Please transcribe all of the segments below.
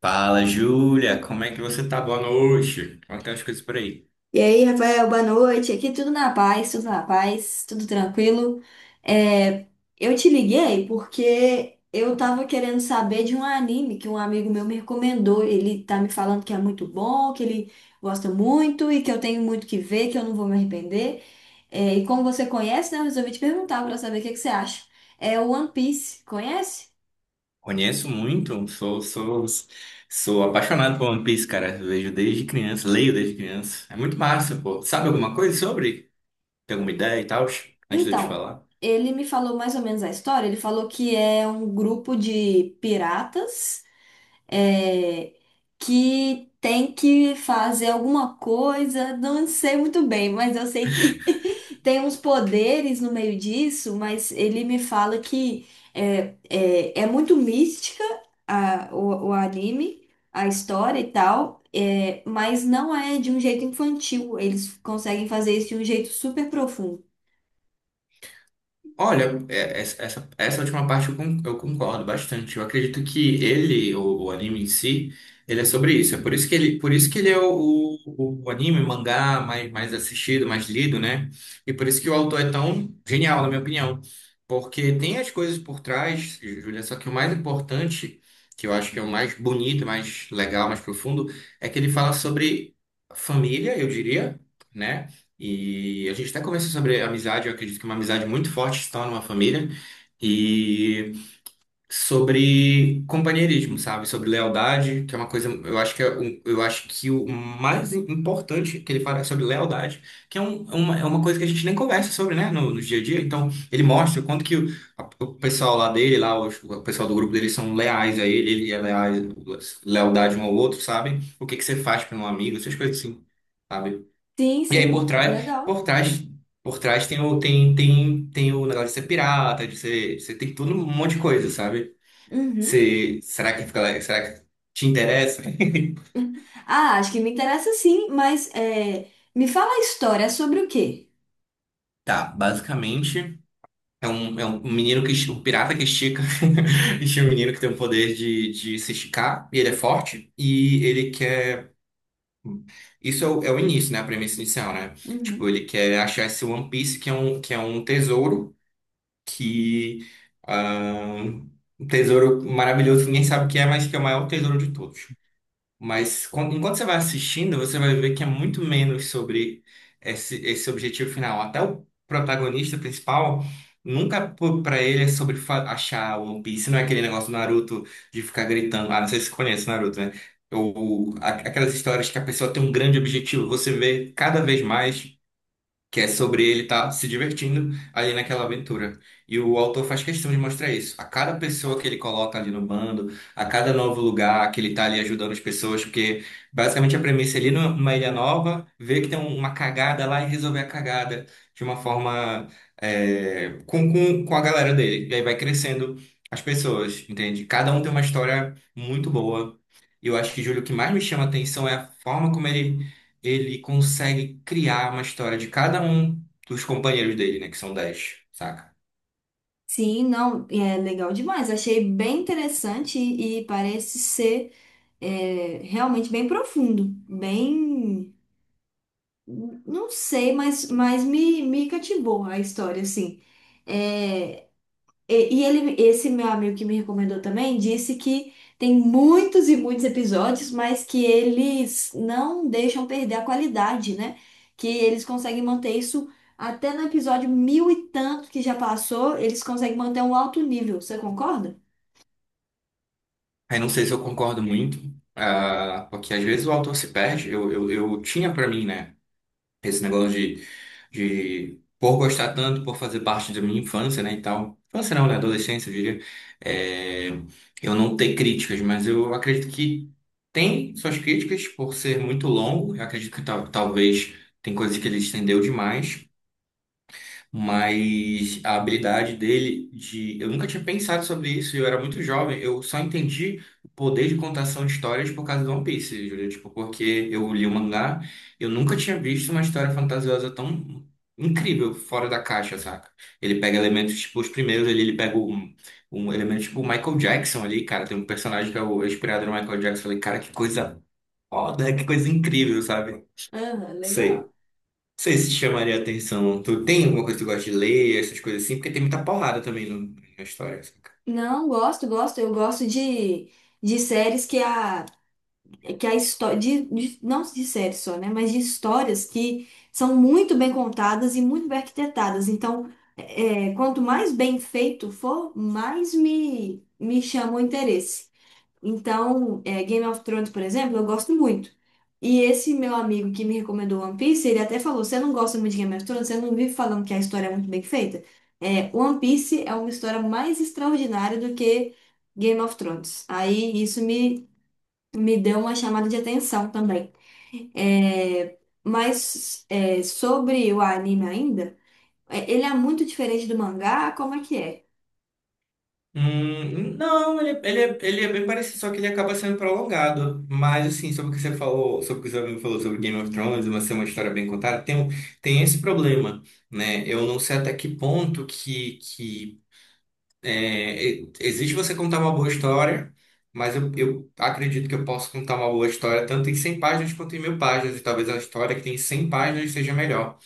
Fala, Júlia, como é que você tá? Boa noite. Como é que tá as coisas por aí? E aí, Rafael, boa noite. Aqui tudo na paz, tudo na paz, tudo tranquilo. É, eu te liguei porque eu tava querendo saber de um anime que um amigo meu me recomendou. Ele tá me falando que é muito bom, que ele gosta muito e que eu tenho muito que ver, que eu não vou me arrepender. É, e como você conhece, né, eu resolvi te perguntar para saber o que que você acha. É o One Piece, conhece? Conheço muito, sou apaixonado por One Piece, cara. Vejo desde criança, leio desde criança. É muito massa, pô. Sabe alguma coisa sobre? Tem alguma ideia e tal? Antes de eu te Então, falar. ele me falou mais ou menos a história. Ele falou que é um grupo de piratas. é, que tem que fazer alguma coisa, não sei muito bem, mas eu sei que tem uns poderes no meio disso, mas ele me fala que é muito mística o anime, a história e tal. É, mas não é de um jeito infantil. Eles conseguem fazer isso de um jeito super profundo. Olha, essa última parte eu concordo bastante. Eu acredito que o anime em si, ele é sobre isso. É por isso que ele é o anime, mangá mais assistido, mais lido, né? E por isso que o autor é tão genial, na minha opinião. Porque tem as coisas por trás, Julia, só que o mais importante, que eu acho que é o mais bonito, mais legal, mais profundo, é que ele fala sobre família, eu diria, né? E a gente até conversou sobre amizade, eu acredito que é uma amizade muito forte se torna uma família, e sobre companheirismo, sabe? Sobre lealdade, que é uma coisa, eu acho que eu acho que o mais importante que ele fala é sobre lealdade, que é uma coisa que a gente nem conversa sobre, né, no dia a dia. Então, ele mostra o quanto que o pessoal lá dele, lá, pessoal do grupo dele são leais a ele é leal, lealdade um ao outro, sabe? O que que você faz para um amigo, essas coisas assim, sabe? Sim, E aí por sim, trás, legal. por trás, por trás tem o tem tem tem o negócio de ser pirata, você tem tudo um monte de coisa, sabe? Uhum. Você, será que fica, será que te interessa? Ah, acho que me interessa sim, mas me fala a história é sobre o quê? Tá, basicamente é um, um pirata que estica, estica um menino que tem o poder de se esticar e ele é forte e ele quer isso é o início, né? A premissa inicial, né? Tipo, Uhum. ele quer achar esse One Piece que é um que ah, tesouro maravilhoso, ninguém sabe o que é, mas que é o maior tesouro de todos. Mas enquanto você vai assistindo, você vai ver que é muito menos sobre esse objetivo final. Até o protagonista principal, nunca para ele é sobre achar o One Piece, não é aquele negócio do Naruto de ficar gritando. Ah, não sei se você conhece o Naruto, né? Ou aquelas histórias que a pessoa tem um grande objetivo, você vê cada vez mais que é sobre ele estar se divertindo ali naquela aventura. E o autor faz questão de mostrar isso. A cada pessoa que ele coloca ali no bando, a cada novo lugar que ele está ali ajudando as pessoas, porque basicamente a premissa é ali numa ilha nova, ver que tem uma cagada lá e resolver a cagada de uma forma com a galera dele. E aí vai crescendo as pessoas, entende? Cada um tem uma história muito boa. E eu acho que, Júlio, o que mais me chama a atenção é a forma como ele consegue criar uma história de cada um dos companheiros dele, né? Que são 10, saca? Sim, não, é legal demais. Achei bem interessante e parece ser realmente bem profundo, bem, não sei, mas me cativou a história, assim. É, e ele, esse meu amigo que me recomendou também disse que tem muitos e muitos episódios, mas que eles não deixam perder a qualidade, né? Que eles conseguem manter isso até no episódio mil e tanto que já passou, eles conseguem manter um alto nível. Você concorda? Aí não sei se eu concordo muito, porque às vezes o autor se perde. Eu tinha pra mim, né? Esse negócio por gostar tanto, por fazer parte da minha infância, né? E tal. Infância não, né? Adolescência, eu diria. É, eu não ter críticas, mas eu acredito que tem suas críticas por ser muito longo. Eu acredito que talvez tem coisas que ele estendeu demais. Mas a habilidade dele de. Eu nunca tinha pensado sobre isso, eu era muito jovem, eu só entendi o poder de contação de histórias por causa do One Piece, Júlia. Tipo, porque eu li o mangá, eu nunca tinha visto uma história fantasiosa tão incrível, fora da caixa, saca? Ele pega elementos, tipo, os primeiros ali, ele pega um elemento tipo o Michael Jackson ali, cara. Tem um personagem que é o é inspirado no Michael Jackson. Eu falei, cara, que coisa foda, que coisa incrível, sabe? Ah, Sei. legal. Não sei se chamaria atenção. Tu tem alguma coisa que tu gosta de ler, essas coisas assim? Porque tem muita porrada também na história. Saca? Não, gosto, gosto. Eu gosto de séries que a história não de séries só, né, mas de histórias que são muito bem contadas e muito bem arquitetadas. Então, quanto mais bem feito for, mais me chama o interesse. Então, Game of Thrones, por exemplo, eu gosto muito. E esse meu amigo que me recomendou One Piece, ele até falou: você não gosta muito de Game of Thrones, você não vive falando que a história é muito bem feita. É, One Piece é uma história mais extraordinária do que Game of Thrones. Aí isso me deu uma chamada de atenção também. É, mas sobre o anime ainda, ele é muito diferente do mangá, como é que é? Não, ele é bem parecido, só que ele acaba sendo prolongado. Mas, assim, sobre o que você falou, sobre o que o seu amigo falou sobre Game of Thrones, uma ser uma história bem contada, tem esse problema, né? Eu não sei até que ponto que existe você contar uma boa história, mas eu acredito que eu posso contar uma boa história tanto em 100 páginas quanto em 1.000 páginas, e talvez a história que tem 100 páginas seja melhor.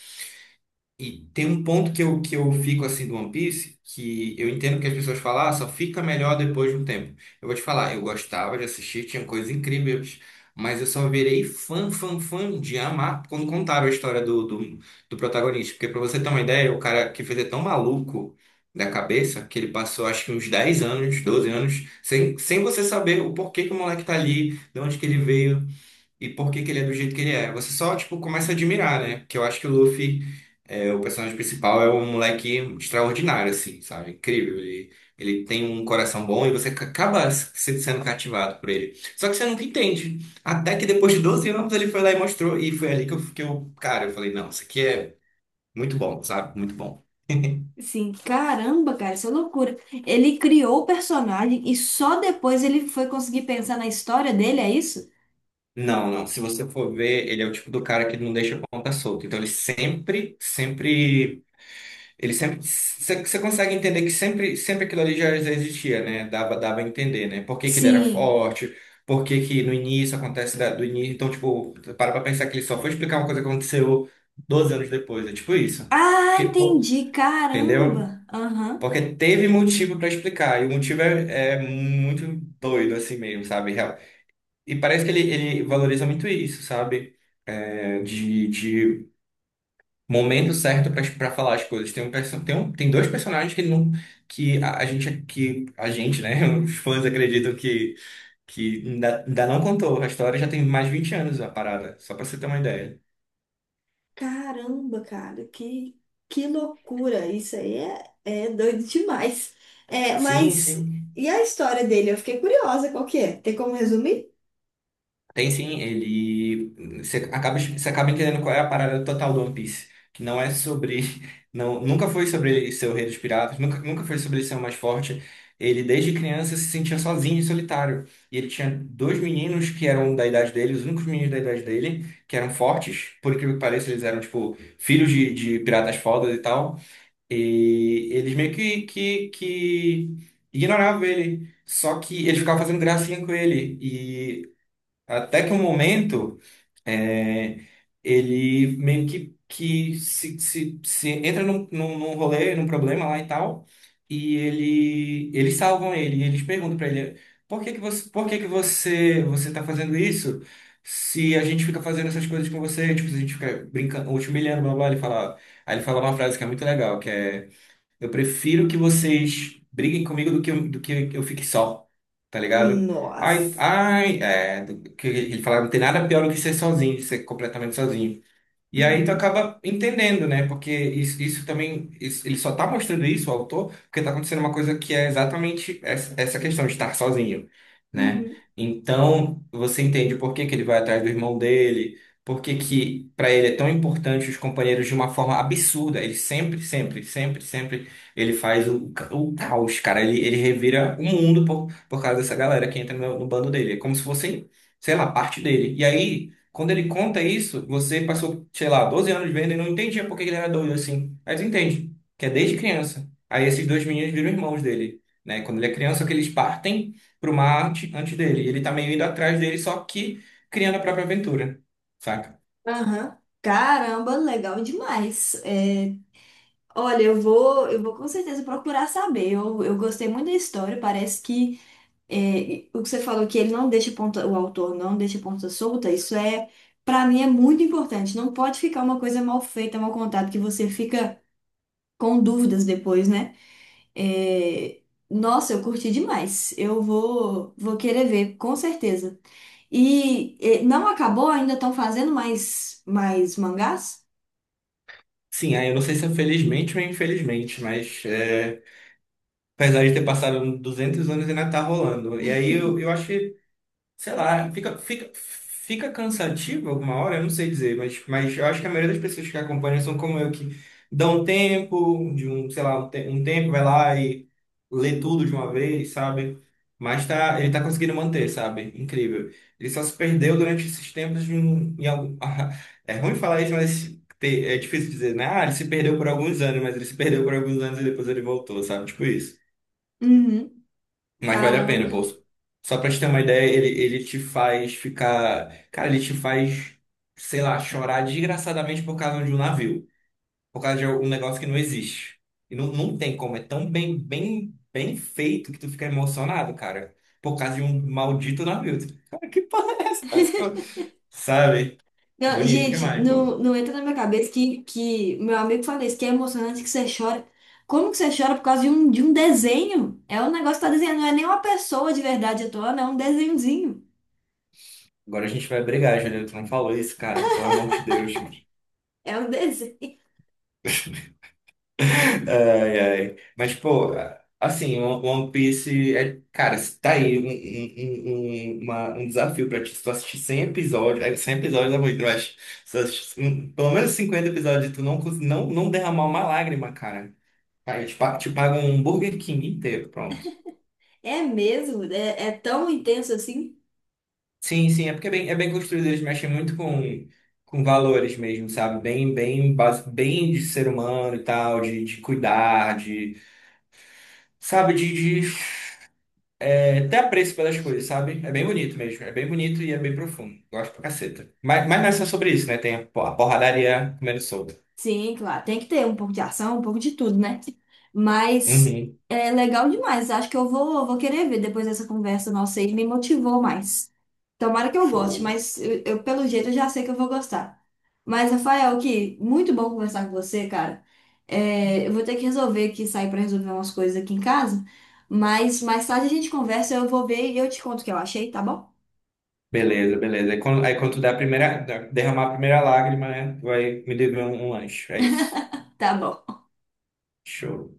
E tem um ponto que eu fico assim do One Piece, que eu entendo que as pessoas falam, só fica melhor depois de um tempo. Eu vou te falar, eu gostava de assistir, tinha coisas incríveis, mas eu só virei fã, fã, fã de amar quando contaram a história do protagonista. Porque pra você ter uma ideia, o cara que fez é tão maluco da cabeça que ele passou acho que uns 10 anos, 12 anos, sem você saber o porquê que o moleque tá ali, de onde que ele veio, e por que que ele é do jeito que ele é. Você só, tipo, começa a admirar, né? Porque eu acho que o Luffy, o personagem principal, é um moleque extraordinário, assim, sabe? Incrível. Ele tem um coração bom e você acaba sendo cativado por ele. Só que você nunca entende. Até que depois de 12 anos ele foi lá e mostrou. E foi ali que cara, eu falei, não, isso aqui é muito bom, sabe? Muito bom. Assim, caramba, cara, isso é loucura. Ele criou o personagem e só depois ele foi conseguir pensar na história dele, é isso? Não, não. Se você for ver, ele é o tipo do cara que não deixa a ponta solta. Então ele sempre. Você consegue entender que sempre aquilo ali já existia, né? Dava a entender, né? Por que que ele era Sim. forte, por que que no início acontece do início. Então, tipo, para pra pensar que ele só foi explicar uma coisa que aconteceu 12 anos depois. É tipo isso. Ah, Que, pô, entendi, entendeu? caramba. Aham. Porque teve motivo para explicar. E o motivo é muito doido, assim mesmo, sabe? Real. E parece que ele valoriza muito isso, sabe? É, de Momento certo para falar as coisas. Tem um, perso- tem um, tem dois personagens que ele não que a gente, né, os fãs acreditam que ainda não contou. A história já tem mais de 20 anos a parada, só para você ter uma ideia. Caramba, cara, que loucura! Isso aí é doido demais. É, Sim, mas sim. e a história dele? Eu fiquei curiosa, qual que é? Tem como resumir? Tem sim, ele. Você acaba entendendo qual é a parada total do One Piece. Que não é sobre. Não, nunca foi sobre ele ser o rei dos piratas, nunca, nunca foi sobre ele ser o mais forte. Ele, desde criança, se sentia sozinho e solitário. E ele tinha dois meninos que eram da idade dele, os únicos meninos da idade dele, que eram fortes. Por incrível que pareça, eles eram, tipo, filhos de piratas fodas e tal. E eles meio que ignoravam ele. Só que eles ficavam fazendo gracinha com ele. E até que um momento, é, ele meio que se entra num rolê, num problema lá e tal, e eles salvam ele, e eles perguntam pra ele, por que que você tá fazendo isso? Se a gente fica fazendo essas coisas com você, tipo, se a gente fica brincando, ou te humilhando, blá, blá, blá", ele fala, aí ele fala uma frase que é muito legal, que é eu prefiro que vocês briguem comigo do que eu fique só, tá ligado? Ai, Nossa. ai, é, do que ele falava, não tem nada pior do que ser sozinho, ser completamente sozinho. E aí tu Uhum. acaba entendendo, né? Porque isso também, ele só tá mostrando isso, o autor, porque tá acontecendo uma coisa que é exatamente essa questão de estar sozinho, né? Uhum. Então, você entende por que que ele vai atrás do irmão dele, por que que para ele é tão importante os companheiros de uma forma absurda. Ele sempre, ele faz o caos, cara. Ele revira o mundo por causa dessa galera que entra no bando dele. É como se fosse, sei lá, parte dele. E aí quando ele conta isso, você passou, sei lá, 12 anos vendo e não entendia por que ele era doido assim. Mas entende, que é desde criança. Aí esses dois meninos viram irmãos dele, né? Quando ele é criança, que eles partem pro mar antes dele. E ele tá meio indo atrás dele, só que criando a própria aventura, saca? Aham. Caramba, legal demais. É, olha, eu vou com certeza procurar saber. Eu gostei muito da história. Parece que é, o que você falou que ele não deixa ponta, o autor não deixa ponta solta, isso é, para mim é muito importante. Não pode ficar uma coisa mal feita, mal contada, que você fica com dúvidas depois, né? É, nossa, eu curti demais. Eu vou querer ver, com certeza. E, não acabou? Ainda estão fazendo mais mangás? Sim, aí eu não sei se é felizmente ou infelizmente, mas apesar de ter passado 200 anos, ainda tá rolando. E aí eu acho. Sei lá, fica cansativo alguma hora, eu não sei dizer, mas, eu acho que a maioria das pessoas que acompanham são como eu, que dão um tempo, de um, sei lá, um, te- um tempo, vai lá e lê tudo de uma vez, sabe? Mas tá, ele tá conseguindo manter, sabe? Incrível. Ele só se perdeu durante esses tempos de um, em algum... É ruim falar isso, mas é difícil dizer, né? Ah, ele se perdeu por alguns anos, mas ele se perdeu por alguns anos e depois ele voltou, sabe? Tipo isso. Uhum. Mas vale a Caramba. pena, pô. Só pra te ter uma ideia, ele te faz ficar. Cara, ele te faz, sei lá, chorar desgraçadamente por causa de um navio. Por causa de um negócio que não existe. E não, não tem como. É tão bem, bem, bem feito que tu fica emocionado, cara. Por causa de um maldito navio. Tu Cara, que porra é essa? Parece que eu. Sabe? É Não, bonito gente, demais, pô. não, não entra na minha cabeça que meu amigo fala isso, que é emocionante que você chora. Como que você chora por causa de um desenho? É um negócio que tá desenhando, não é nem uma pessoa de verdade atuando, é um desenhozinho. Agora a gente vai brigar, Juliano. Tu não falou isso, cara. Pelo amor de Deus, gente. É um desenho. Ai, ai. Mas, pô, assim, o One Piece é, cara, tá aí um desafio pra ti. Se tu assistir 100 episódios, 100 episódios é muito, mas se tu assistir pelo menos 50 episódios, e tu não derramar uma lágrima, cara. Aí te pagam um Burger King inteiro, pronto. É mesmo, é tão intenso assim. Sim, sim, é porque é bem, construído, eles mexem muito com valores mesmo, sabe? Bem de ser humano e tal, de cuidar, de. Sabe, de É até apreço pelas coisas, sabe? É bem bonito mesmo. É bem bonito e é bem profundo. Gosto pra caceta. Mas não é só sobre isso, né? Tem a porradaria comendo solta. Sim, claro. Tem que ter um pouco de ação, um pouco de tudo, né? Mas Uhum. é legal demais. Acho que eu vou querer ver depois dessa conversa nossa aí. Me motivou mais. Tomara que eu goste, Show. mas pelo jeito eu já sei que eu vou gostar. Mas, Rafael, que muito bom conversar com você, cara. É, eu vou ter que resolver aqui, sair para resolver umas coisas aqui em casa. Mas mais tarde a gente conversa, eu vou ver e eu te conto o que eu achei, tá bom? Beleza, beleza. Aí quando tu der derramar a primeira lágrima, né? Tu vai me dever um lanche. É isso. Tá bom. Show.